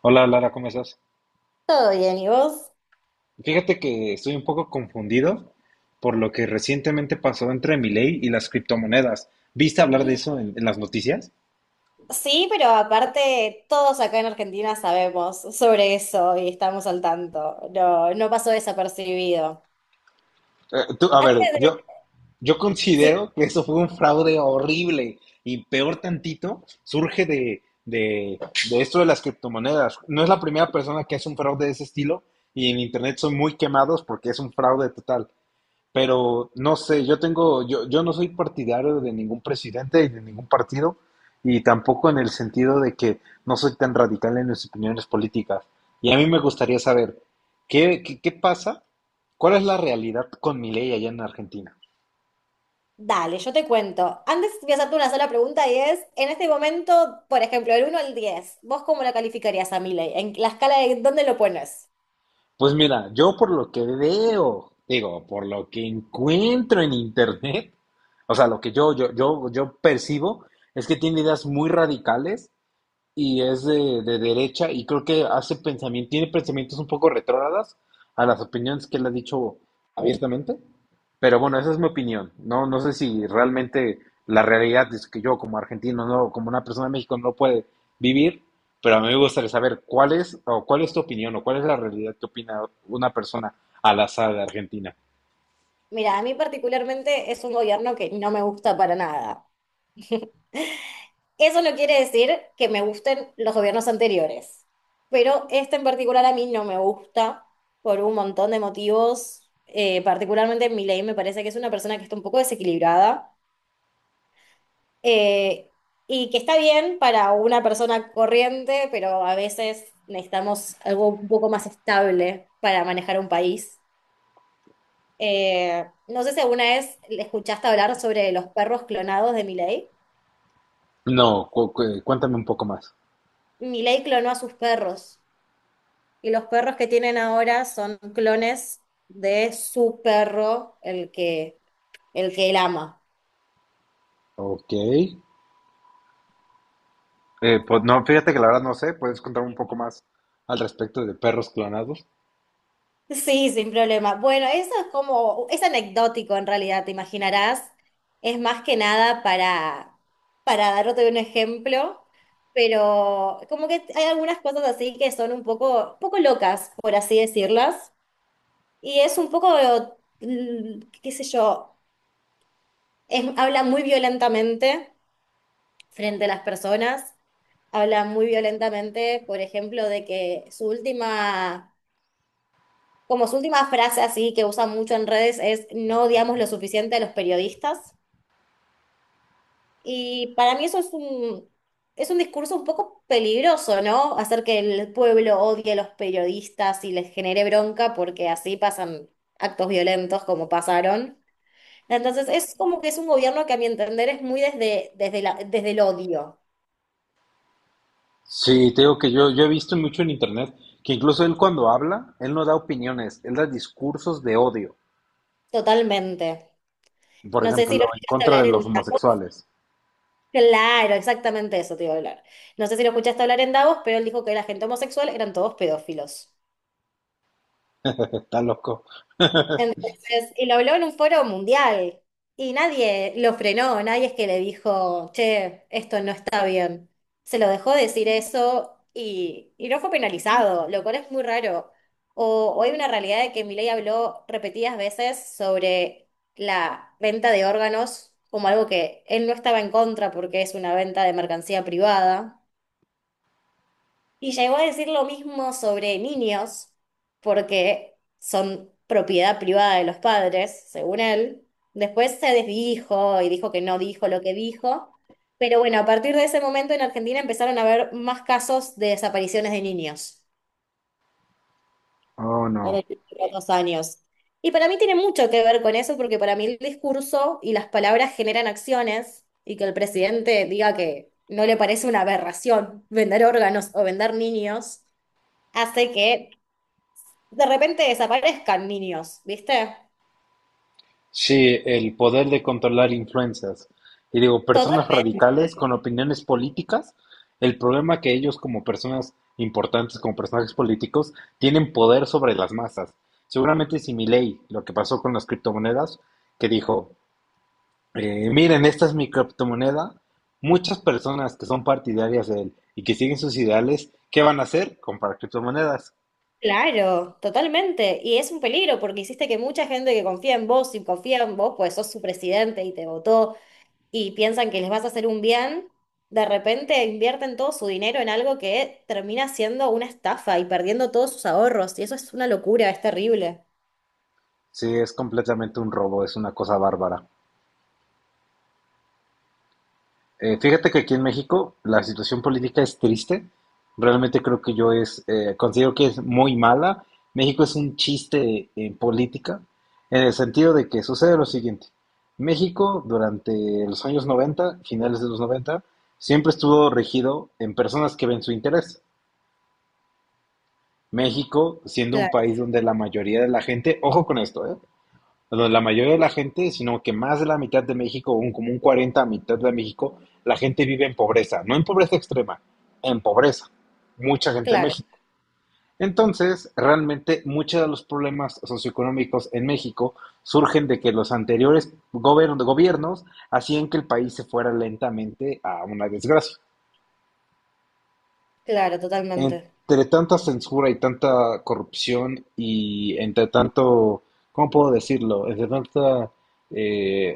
Hola Lara, ¿cómo estás? Todo bien, ¿y vos? Fíjate que estoy un poco confundido por lo que recientemente pasó entre Milei y las criptomonedas. ¿Viste hablar de eso en las noticias? Sí, pero aparte todos acá en Argentina sabemos sobre eso y estamos al tanto. No, pasó desapercibido. Eh, tú- a Antes ver, de... yo, yo Sí, considero que eso fue un fraude horrible y peor tantito surge de esto de las criptomonedas. No es la primera persona que hace un fraude de ese estilo y en internet son muy quemados porque es un fraude total. Pero no sé, yo no soy partidario de ningún presidente y de ningún partido, y tampoco en el sentido de que no soy tan radical en mis opiniones políticas. Y a mí me gustaría saber, ¿ qué pasa? ¿Cuál es la realidad con Milei allá en Argentina? dale, yo te cuento. Antes voy a hacerte una sola pregunta y es, en este momento, por ejemplo, del 1 al 10, ¿vos cómo lo calificarías a Milei? ¿En la escala de dónde lo pones? Pues mira, yo por lo que veo, digo, por lo que encuentro en internet, o sea, lo que yo percibo es que tiene ideas muy radicales y es de derecha y creo que hace pensamiento, tiene pensamientos un poco retrógradas a las opiniones que él ha dicho abiertamente. Pero bueno, esa es mi opinión. No, no sé si realmente la realidad es que yo como argentino, no, como una persona de México no puede vivir, pero a mí me gustaría saber cuál es o cuál es tu opinión o cuál es la realidad que opina una persona al azar de Argentina. Mira, a mí particularmente es un gobierno que no me gusta para nada. Eso no quiere decir que me gusten los gobiernos anteriores, pero este en particular a mí no me gusta por un montón de motivos. Particularmente Milei me parece que es una persona que está un poco desequilibrada eh, y que está bien para una persona corriente, pero a veces necesitamos algo un poco más estable para manejar un país. No sé si alguna vez le escuchaste hablar sobre los perros clonados de Milei. No, cuéntame un poco más. Milei clonó a sus perros. Y los perros que tienen ahora son clones de su perro, el que él ama. Ok. Pues no, fíjate que la verdad no sé, puedes contar un poco más al respecto de perros clonados. Sí, sin problema. Bueno, eso es como, es anecdótico en realidad, te imaginarás. Es más que nada para darte un ejemplo, pero como que hay algunas cosas así que son un poco, poco locas, por así decirlas. Y es un poco, qué sé yo, habla muy violentamente frente a las personas habla muy violentamente, por ejemplo, de que como su última frase así que usa mucho en redes es no odiamos lo suficiente a los periodistas. Y para mí es un discurso un poco peligroso, ¿no? Hacer que el pueblo odie a los periodistas y les genere bronca porque así pasan actos violentos como pasaron. Entonces es como que es un gobierno que a mi entender es muy desde el odio, Sí, te digo que yo he visto mucho en internet que incluso él cuando habla, él no da opiniones, él da discursos de odio. totalmente. Por No sé si lo ejemplo, en quieres contra de hablar los en homosexuales. claro, exactamente eso te iba a hablar. No sé si lo escuchaste hablar en Davos, pero él dijo que la gente homosexual eran todos pedófilos. Está loco. Entonces, y lo habló en un foro mundial. Y nadie lo frenó, nadie es que le dijo, che, esto no está bien. Se lo dejó decir eso y no fue penalizado, lo cual es muy raro. O hay una realidad de que Milei habló repetidas veces sobre la venta de órganos como algo que él no estaba en contra porque es una venta de mercancía privada. Y llegó a decir lo mismo sobre niños, porque son propiedad privada de los padres, según él. Después se desdijo y dijo que no dijo lo que dijo. Pero bueno, a partir de ese momento en Argentina empezaron a haber más casos de desapariciones de niños Oh, no. en los años. Y para mí tiene mucho que ver con eso, porque para mí el discurso y las palabras generan acciones y que el presidente diga que no le parece una aberración vender órganos o vender niños hace que de repente desaparezcan niños, ¿viste? Sí, el poder de controlar influencias. Y digo, Total, personas radicales con opiniones políticas, el problema que ellos como personas importantes, como personajes políticos, tienen poder sobre las masas. Seguramente si Milei, lo que pasó con las criptomonedas, que dijo, miren, esta es mi criptomoneda, muchas personas que son partidarias de él y que siguen sus ideales, ¿qué van a hacer? Comprar criptomonedas. claro, totalmente. Y es un peligro porque hiciste que mucha gente que confía en vos y confía en vos, pues sos su presidente y te votó y piensan que les vas a hacer un bien, de repente invierten todo su dinero en algo que termina siendo una estafa y perdiendo todos sus ahorros. Y eso es una locura, es terrible. Sí, es completamente un robo, es una cosa bárbara. Fíjate que aquí en México la situación política es triste. Realmente creo que considero que es muy mala. México es un chiste en política, en el sentido de que sucede lo siguiente. México durante los años 90, finales de los 90, siempre estuvo regido en personas que ven su interés. México siendo un Claro, país donde la mayoría de la gente, ojo con esto, ¿eh? Bueno, la mayoría de la gente, sino que más de la mitad de México, como un 40 a mitad de México, la gente vive en pobreza, no en pobreza extrema, en pobreza. Mucha gente en claro, México. Entonces, realmente muchos de los problemas socioeconómicos en México surgen de que los anteriores gobiernos hacían que el país se fuera lentamente a una desgracia. claro, totalmente. Entre tanta censura y tanta corrupción y entre tanto, ¿cómo puedo decirlo? Entre tanto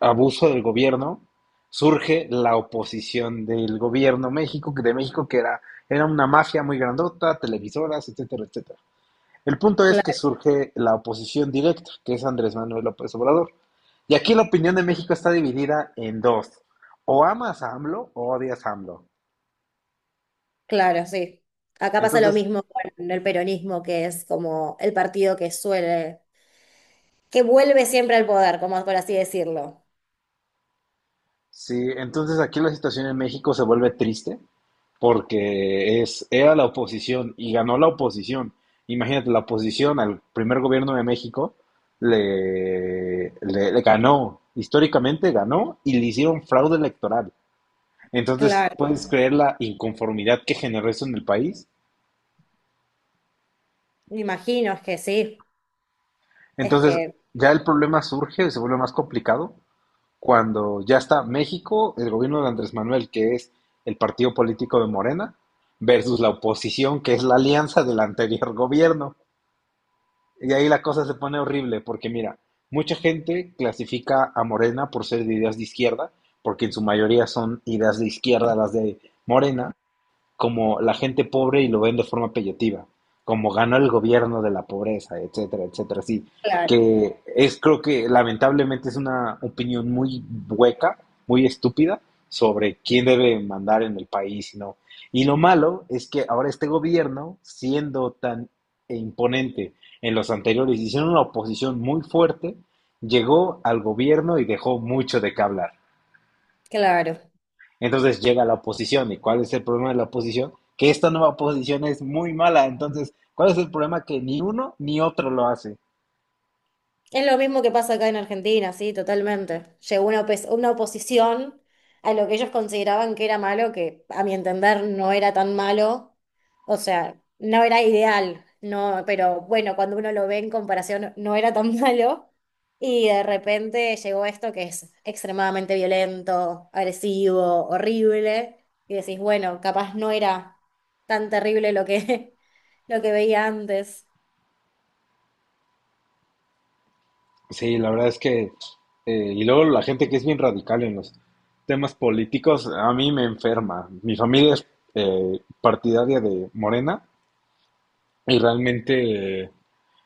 abuso del gobierno, surge la oposición del gobierno México, de México, que era, era una mafia muy grandota, televisoras, etcétera, etcétera. El punto es que Claro, surge la oposición directa, que es Andrés Manuel López Obrador. Y aquí la opinión de México está dividida en dos. O amas a AMLO o odias a AMLO. claro, sí. Acá pasa lo Entonces, mismo con el peronismo, que es como el partido que suele que vuelve siempre al poder, como por así decirlo. sí, entonces aquí la situación en México se vuelve triste porque es, era la oposición y ganó la oposición. Imagínate, la oposición al primer gobierno de México le ganó, históricamente ganó y le hicieron fraude electoral. Entonces, Claro, ¿puedes creer la inconformidad que generó eso en el país? me imagino es que sí, es Entonces, que, ya el problema surge, se vuelve más complicado cuando ya está México, el gobierno de Andrés Manuel, que es el partido político de Morena, versus la oposición, que es la alianza del anterior gobierno. Y ahí la cosa se pone horrible, porque mira, mucha gente clasifica a Morena por ser de ideas de izquierda, porque en su mayoría son ideas de izquierda las de Morena, como la gente pobre y lo ven de forma peyotiva, como ganó el gobierno de la pobreza, etcétera, etcétera, sí, claro, que es creo que lamentablemente es una opinión muy hueca, muy estúpida sobre quién debe mandar en el país y no. Y lo malo es que ahora este gobierno, siendo tan imponente en los anteriores, hicieron una oposición muy fuerte, llegó al gobierno y dejó mucho de qué hablar. claro. Entonces llega la oposición. ¿Y cuál es el problema de la oposición? Que esta nueva oposición es muy mala. Entonces, ¿cuál es el problema? Que ni uno ni otro lo hace. Es lo mismo que pasa acá en Argentina, sí, totalmente. Llegó una, una oposición a lo que ellos consideraban que era malo, que a mi entender no era tan malo, o sea, no era ideal, no, pero bueno, cuando uno lo ve en comparación, no era tan malo, y de repente llegó esto que es extremadamente violento, agresivo, horrible, y decís, bueno, capaz no era tan terrible lo que, lo que veía antes. Sí, la verdad es que... y luego la gente que es bien radical en los temas políticos, a mí me enferma. Mi familia es partidaria de Morena y realmente...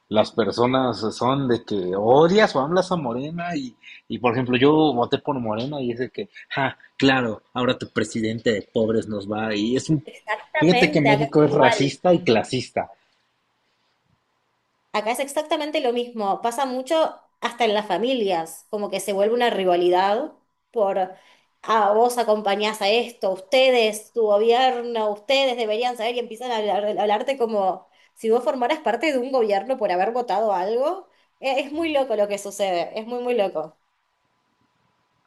las personas son de que odias o hablas a Morena y, por ejemplo yo voté por Morena y es de que, ja, claro, ahora tu presidente de pobres nos va y es un, fíjate que Exactamente, acá México es es igual. racista y clasista. Acá es exactamente lo mismo, pasa mucho hasta en las familias, como que se vuelve una rivalidad por, ah, vos acompañás a esto, ustedes, tu gobierno, ustedes deberían saber y empiezan a a hablarte como si vos formaras parte de un gobierno por haber votado algo. Es muy loco lo que sucede, es muy, muy loco.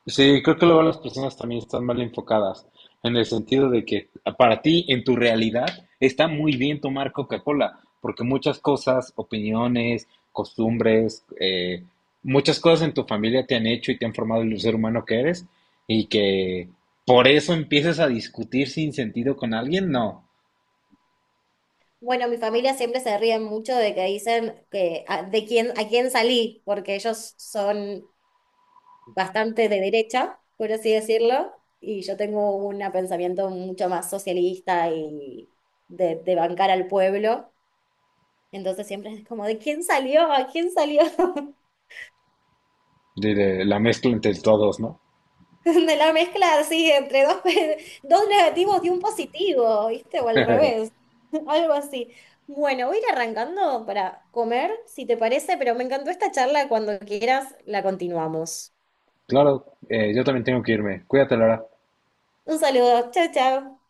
Sí, creo que luego las personas también están mal enfocadas, en el sentido de que para ti, en tu realidad, está muy bien tomar Coca-Cola, porque muchas cosas, opiniones, costumbres, muchas cosas en tu familia te han hecho y te han formado el ser humano que eres, y que por eso empieces a discutir sin sentido con alguien, no, Bueno, mi familia siempre se ríe mucho de que dicen que a, de quién, a quién salí, porque ellos son bastante de derecha, por así decirlo, y yo tengo un pensamiento mucho más socialista y de bancar al pueblo, entonces siempre es como, ¿de quién salió? ¿A quién salió? De la mezcla entre todos, ¿no? De la mezcla así, entre dos, dos negativos y un positivo, ¿viste? O al revés, algo así. Bueno, voy a ir arrancando para comer, si te parece, pero me encantó esta charla. Cuando quieras, la continuamos. Claro, yo también tengo que irme. Cuídate, Laura. Un saludo, chao, chao.